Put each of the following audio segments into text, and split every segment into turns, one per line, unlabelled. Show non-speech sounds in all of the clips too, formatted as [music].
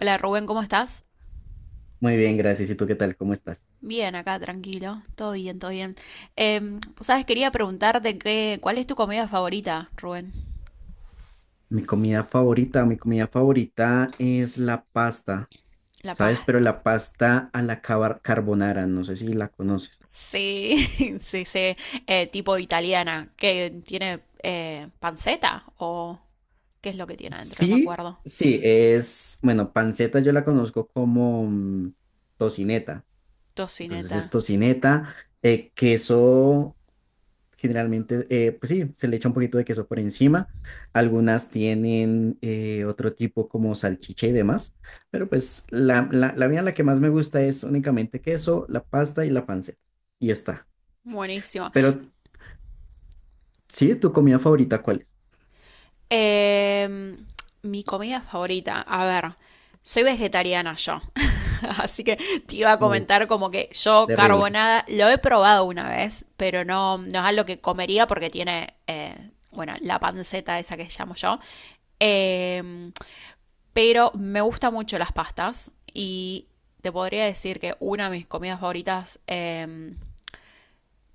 Hola Rubén, ¿cómo estás?
Muy bien, gracias. ¿Y tú qué tal? ¿Cómo estás?
Bien, acá tranquilo, todo bien, todo bien. Pues sabes, quería preguntarte ¿cuál es tu comida favorita, Rubén?
Mi comida favorita es la pasta,
La
¿sabes? Pero
pasta.
la pasta a la carbonara, no sé si la conoces.
Sí, [laughs] sí, sí, tipo italiana, que tiene panceta o qué es lo que tiene adentro, no me
Sí,
acuerdo.
sí, bueno, panceta yo la conozco como tocineta. Entonces es
Tocineta,
tocineta, queso generalmente, pues sí, se le echa un poquito de queso por encima. Algunas tienen otro tipo como salchicha y demás, pero pues la mía, la que más me gusta es únicamente queso, la pasta y la panceta. Y ya está.
buenísimo.
Pero sí, ¿tu comida favorita cuál es?
Em, Mi comida favorita, a ver, soy vegetariana yo. [laughs] Así que te iba a
Uh,
comentar como que yo
terrible.
carbonada lo he probado una vez, pero no, no es algo que comería porque tiene, bueno, la panceta esa que llamo yo. Eh, pero me gustan mucho las pastas y te podría decir que una de mis comidas favoritas,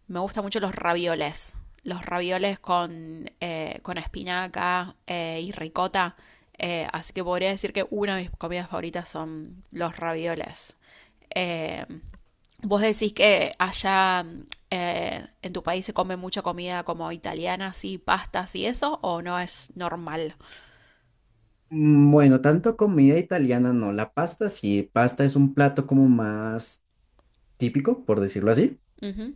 me gustan mucho los ravioles. Los ravioles con espinaca y ricota. Así que podría decir que una de mis comidas favoritas son los ravioles. Eh, Vos decís que allá en tu país se come mucha comida como italiana, así, pastas y eso, ¿o no es normal?
Bueno, tanto comida italiana no, la pasta sí, pasta es un plato como más típico, por decirlo así,
Ujú.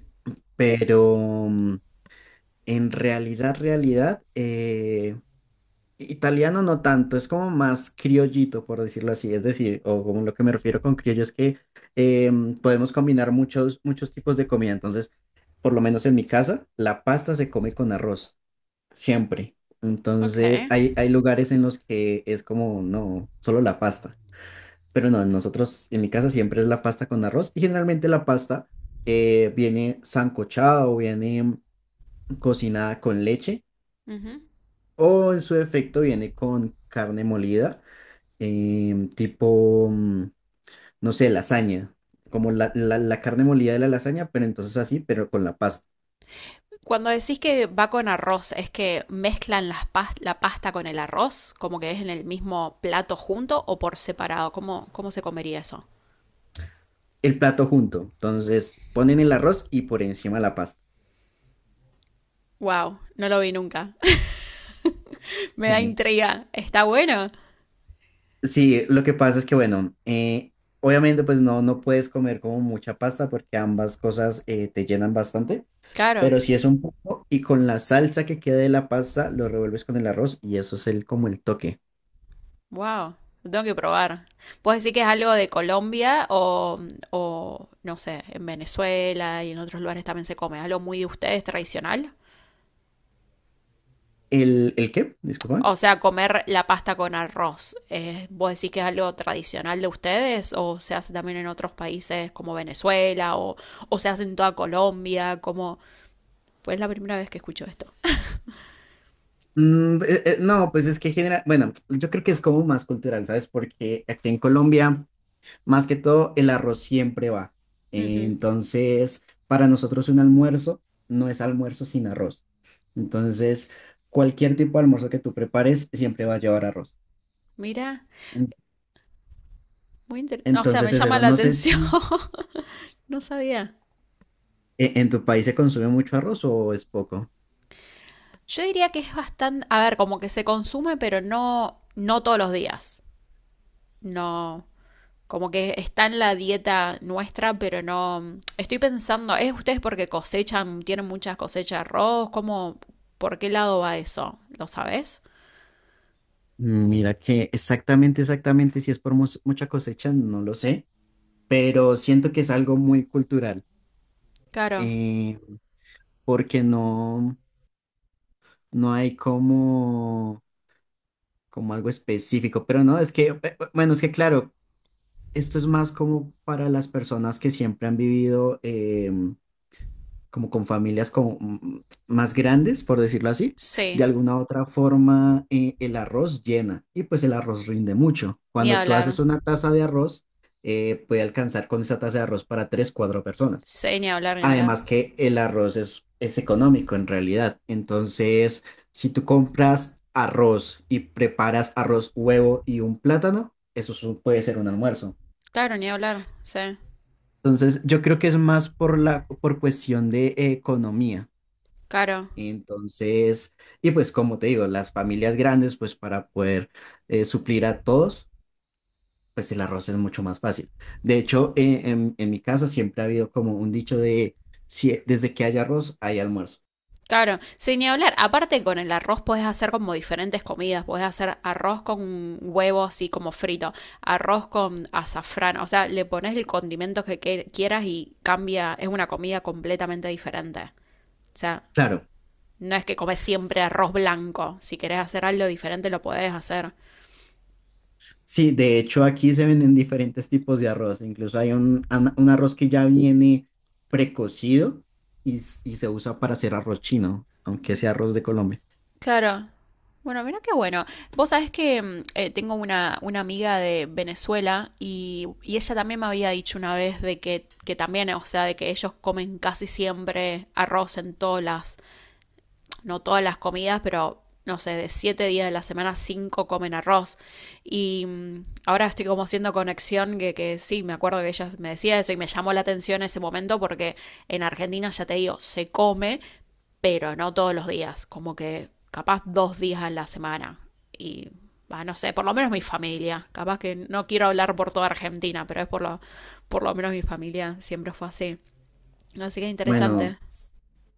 pero mm, en realidad, italiano no tanto, es como más criollito, por decirlo así. Es decir, o como lo que me refiero con criollo es que podemos combinar muchos, muchos tipos de comida. Entonces, por lo menos en mi casa, la pasta se come con arroz, siempre.
Ok.
Entonces, hay lugares en los que es como, no, solo la pasta. Pero no, nosotros, en mi casa siempre es la pasta con arroz. Y generalmente la pasta viene sancochada o viene cocinada con leche.
Ujú.
O en su defecto viene con carne molida tipo, no sé, lasaña, como la carne molida de la lasaña, pero entonces así, pero con la pasta.
Cuando decís que va con arroz, ¿es que mezclan la pasta con el arroz? ¿Como que es en el mismo plato junto o por separado? ¿Cómo, cómo se comería eso?
El plato junto, entonces ponen el arroz y por encima la pasta.
Wow, no lo vi nunca. [laughs] Me da
Sí.
intriga. Está bueno.
Sí, lo que pasa es que, bueno, obviamente pues no, no puedes comer como mucha pasta porque ambas cosas te llenan bastante,
Claro.
pero si es un poco y con la salsa que queda de la pasta lo revuelves con el arroz y eso es el, como el toque.
Wow, lo tengo que probar. ¿Puedes decir que es algo de Colombia o, no sé, en Venezuela y en otros lugares también se come? ¿Algo muy de ustedes tradicional?
¿El qué? Disculpa.
O sea, comer la pasta con arroz. ¿Vos decís que es algo tradicional de ustedes o se hace también en otros países como Venezuela o se hace en toda Colombia? Como, pues es la primera vez que escucho esto.
No, pues es que bueno, yo creo que es como más cultural, ¿sabes? Porque aquí en Colombia, más que todo, el arroz siempre va.
Ujú.
Entonces, para nosotros un almuerzo no es almuerzo sin arroz. Entonces, cualquier tipo de almuerzo que tú prepares siempre va a llevar arroz.
Mira,
En-
muy interesante. O sea, me
Entonces es
llama
eso.
la
No sé
atención.
si
[laughs] No sabía.
en tu país se consume mucho arroz o es poco.
Yo diría que es bastante, a ver, como que se consume, pero no, no todos los días. No, como que está en la dieta nuestra, pero no. Estoy pensando, ¿es ustedes porque cosechan, tienen muchas cosechas de arroz? ¿Cómo, por qué lado va eso? ¿Lo sabes?
Mira que exactamente, exactamente, si es por mucha cosecha, no lo sé, pero siento que es algo muy cultural.
Claro,
eh, porque no, no hay como algo específico, pero no, es que, bueno, es que claro, esto es más como para las personas que siempre han vivido como con familias como más grandes, por decirlo así, de
sí,
alguna u otra forma el arroz llena y pues el arroz rinde mucho.
ni
Cuando tú
hablar.
haces una taza de arroz, puede alcanzar con esa taza de arroz para tres, cuatro personas.
Sí, ni hablar, ni hablar.
Además que el arroz es económico en realidad. Entonces, si tú compras arroz y preparas arroz, huevo y un plátano, eso es puede ser un almuerzo.
Claro, ni hablar, sí.
Entonces, yo creo que es más por cuestión de economía.
Claro,
Entonces, y pues como te digo, las familias grandes, pues para poder suplir a todos, pues el arroz es mucho más fácil. De hecho, en mi casa siempre ha habido como un dicho de, si, desde que hay arroz, hay almuerzo.
claro, sin ni hablar. Aparte con el arroz podés hacer como diferentes comidas. Podés hacer arroz con huevo así como frito, arroz con azafrán. O sea, le pones el condimento quieras y cambia. Es una comida completamente diferente. O sea,
Claro.
no es que comes siempre arroz blanco. Si querés hacer algo diferente lo podés hacer.
Sí, de hecho aquí se venden diferentes tipos de arroz. Incluso hay un arroz que ya viene precocido y se usa para hacer arroz chino, aunque sea arroz de Colombia.
Claro. Bueno, mira qué bueno. Vos sabés que tengo una amiga de Venezuela y ella también me había dicho una vez de que también, o sea, de que ellos comen casi siempre arroz en todas las, no todas las comidas, pero no sé, de 7 días de la semana, cinco comen arroz. Y ahora estoy como haciendo conexión que sí, me acuerdo que ella me decía eso y me llamó la atención ese momento porque en Argentina, ya te digo, se come, pero no todos los días, como que capaz 2 días a la semana. Y bah, no sé, por lo menos mi familia, capaz que no quiero hablar por toda Argentina, pero es por lo menos mi familia siempre fue así. Así que
Bueno,
interesante.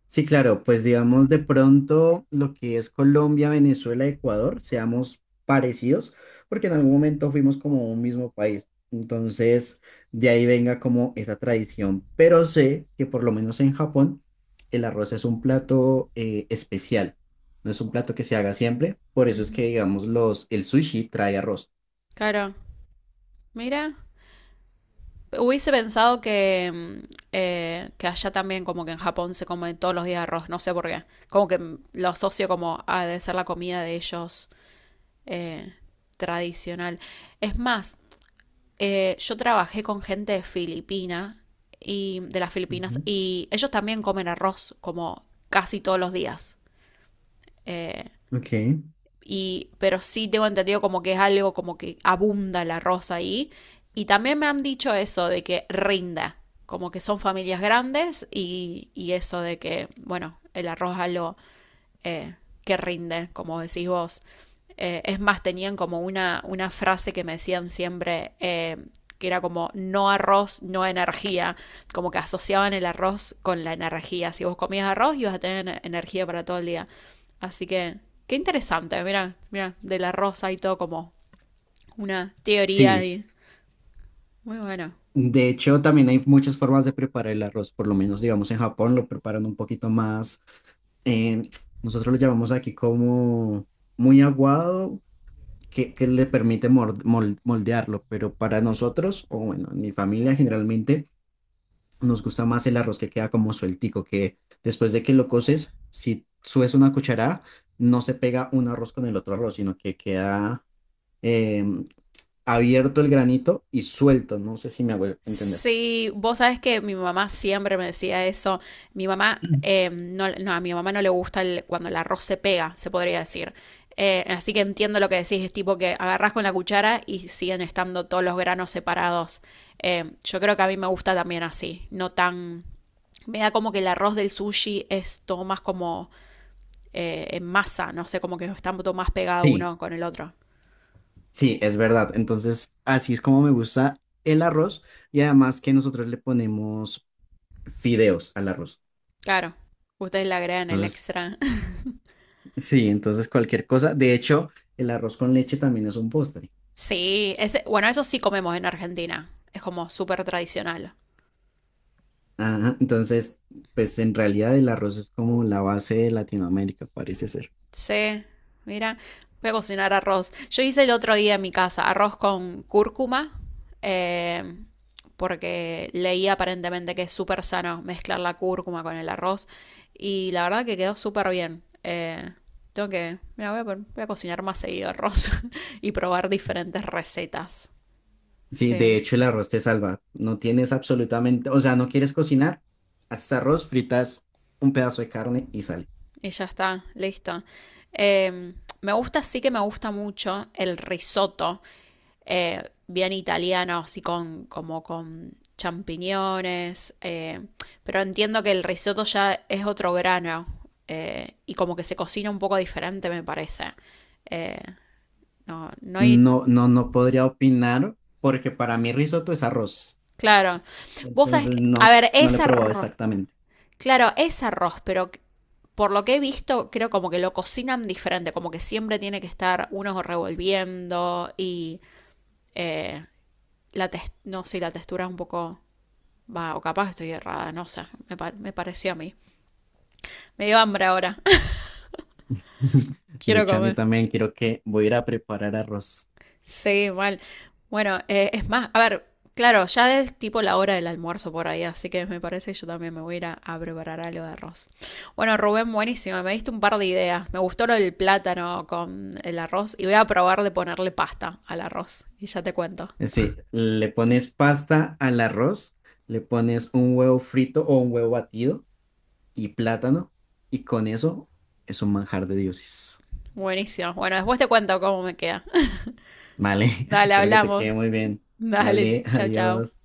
sí, claro, pues digamos de pronto lo que es Colombia, Venezuela, Ecuador, seamos parecidos, porque en algún momento fuimos como un mismo país. Entonces, de ahí venga como esa tradición. Pero sé que por lo menos en Japón, el arroz es un plato especial, no es un plato que se haga siempre. Por eso es
Ujú.
que, digamos, el sushi trae arroz.
Claro, mira, hubiese pensado que allá también, como que en Japón se come todos los días arroz, no sé por qué. Como que lo asocio como a de ser la comida de ellos eh, tradicional. Es más, yo trabajé con gente de Filipina y de las Filipinas
Ujú,
y ellos también comen arroz como casi todos los días. Eh,
ok,
y, pero sí tengo entendido como que es algo como que abunda el arroz ahí. Y también me han dicho eso de que rinda, como que son familias grandes y eso de que, bueno, el arroz es algo eh, que rinde, como decís vos. Es más, tenían como una frase que me decían siempre, que era como no arroz, no energía, como que asociaban el arroz con la energía. Si vos comías arroz, ibas a tener energía para todo el día. Así que, qué interesante, mira, mira, del arroz hay todo como una teoría
sí.
ahí. Muy bueno.
De hecho, también hay muchas formas de preparar el arroz. Por lo menos, digamos, en Japón lo preparan un poquito más eh, nosotros lo llamamos aquí como muy aguado, que le permite moldearlo, pero para nosotros, o bueno, en mi familia generalmente, nos gusta más el arroz que queda como sueltico, que después de que lo coces, si subes una cucharada, no se pega un arroz con el otro arroz, sino que queda em, abierto el granito y suelto, no sé si me hago entender.
Sí, vos sabes que mi mamá siempre me decía eso. Mi mamá,
[clears throat]
no, no, a mi mamá no le gusta cuando el arroz se pega, se podría decir. Así que entiendo lo que decís, es tipo que agarrás con la cuchara y siguen estando todos los granos separados. Yo creo que a mí me gusta también así, no tan. Me da como que el arroz del sushi es todo más como en masa, no sé, como que están todo más pegado
Sí,
uno con el otro.
sí, es verdad. Entonces, así es como me gusta el arroz y además que nosotros le ponemos fideos al arroz.
Claro, ustedes le agregan el
Entonces,
extra.
sí, entonces cualquier cosa. De hecho, el arroz con leche también es un postre.
Sí, ese, bueno, eso sí comemos en Argentina. Es como súper tradicional.
Ajá, entonces, pues en realidad el arroz es como la base de Latinoamérica, parece ser.
Sí, mira, voy a cocinar arroz. Yo hice el otro día en mi casa arroz con cúrcuma, eh, porque leí aparentemente que es súper sano mezclar la cúrcuma con el arroz. Y la verdad que quedó súper bien. Tengo que, mira, voy a cocinar más seguido arroz. [laughs] Y probar diferentes recetas.
Sí, de
Sí.
hecho el arroz te salva. No tienes absolutamente, o sea, no quieres cocinar, haces arroz, fritas un pedazo de carne y sale.
Y ya está, listo. Eh, Me gusta, sí que me gusta mucho el risotto, bien italiano, así con, como con champiñones, pero entiendo que el risotto ya es otro grano y como que se cocina un poco diferente, me parece. Eh, no, no hay,
No, no, no podría opinar porque para mí risotto es arroz.
claro. Vos sabés,
Entonces no,
a ver,
no lo he
ese
probado exactamente.
claro, es arroz, pero por lo que he visto, creo como que lo cocinan diferente, como que siempre tiene que estar uno revolviendo y eh, no sé, la textura es un poco. Va, o capaz estoy errada, no sé, me pareció a mí. Me dio hambre ahora,
[laughs]
[laughs]
De
quiero
hecho, a mí
comer.
también quiero que voy a ir a preparar arroz.
Sí, mal. Bueno, es más, a ver, claro, ya es tipo la hora del almuerzo por ahí, así que me parece que yo también me voy a ir a preparar algo de arroz. Bueno, Rubén, buenísimo, me diste un par de ideas. Me gustó lo del plátano con el arroz y voy a probar de ponerle pasta al arroz y ya te cuento.
Sí, le pones pasta al arroz, le pones un huevo frito o un huevo batido y plátano, y con eso es un manjar de dioses.
Buenísimo. Bueno, después te cuento cómo me queda.
Vale,
[laughs]
[laughs]
Dale,
espero que te
hablamos.
quede muy bien.
Dale,
Vale, [laughs]
chao, chao.
adiós.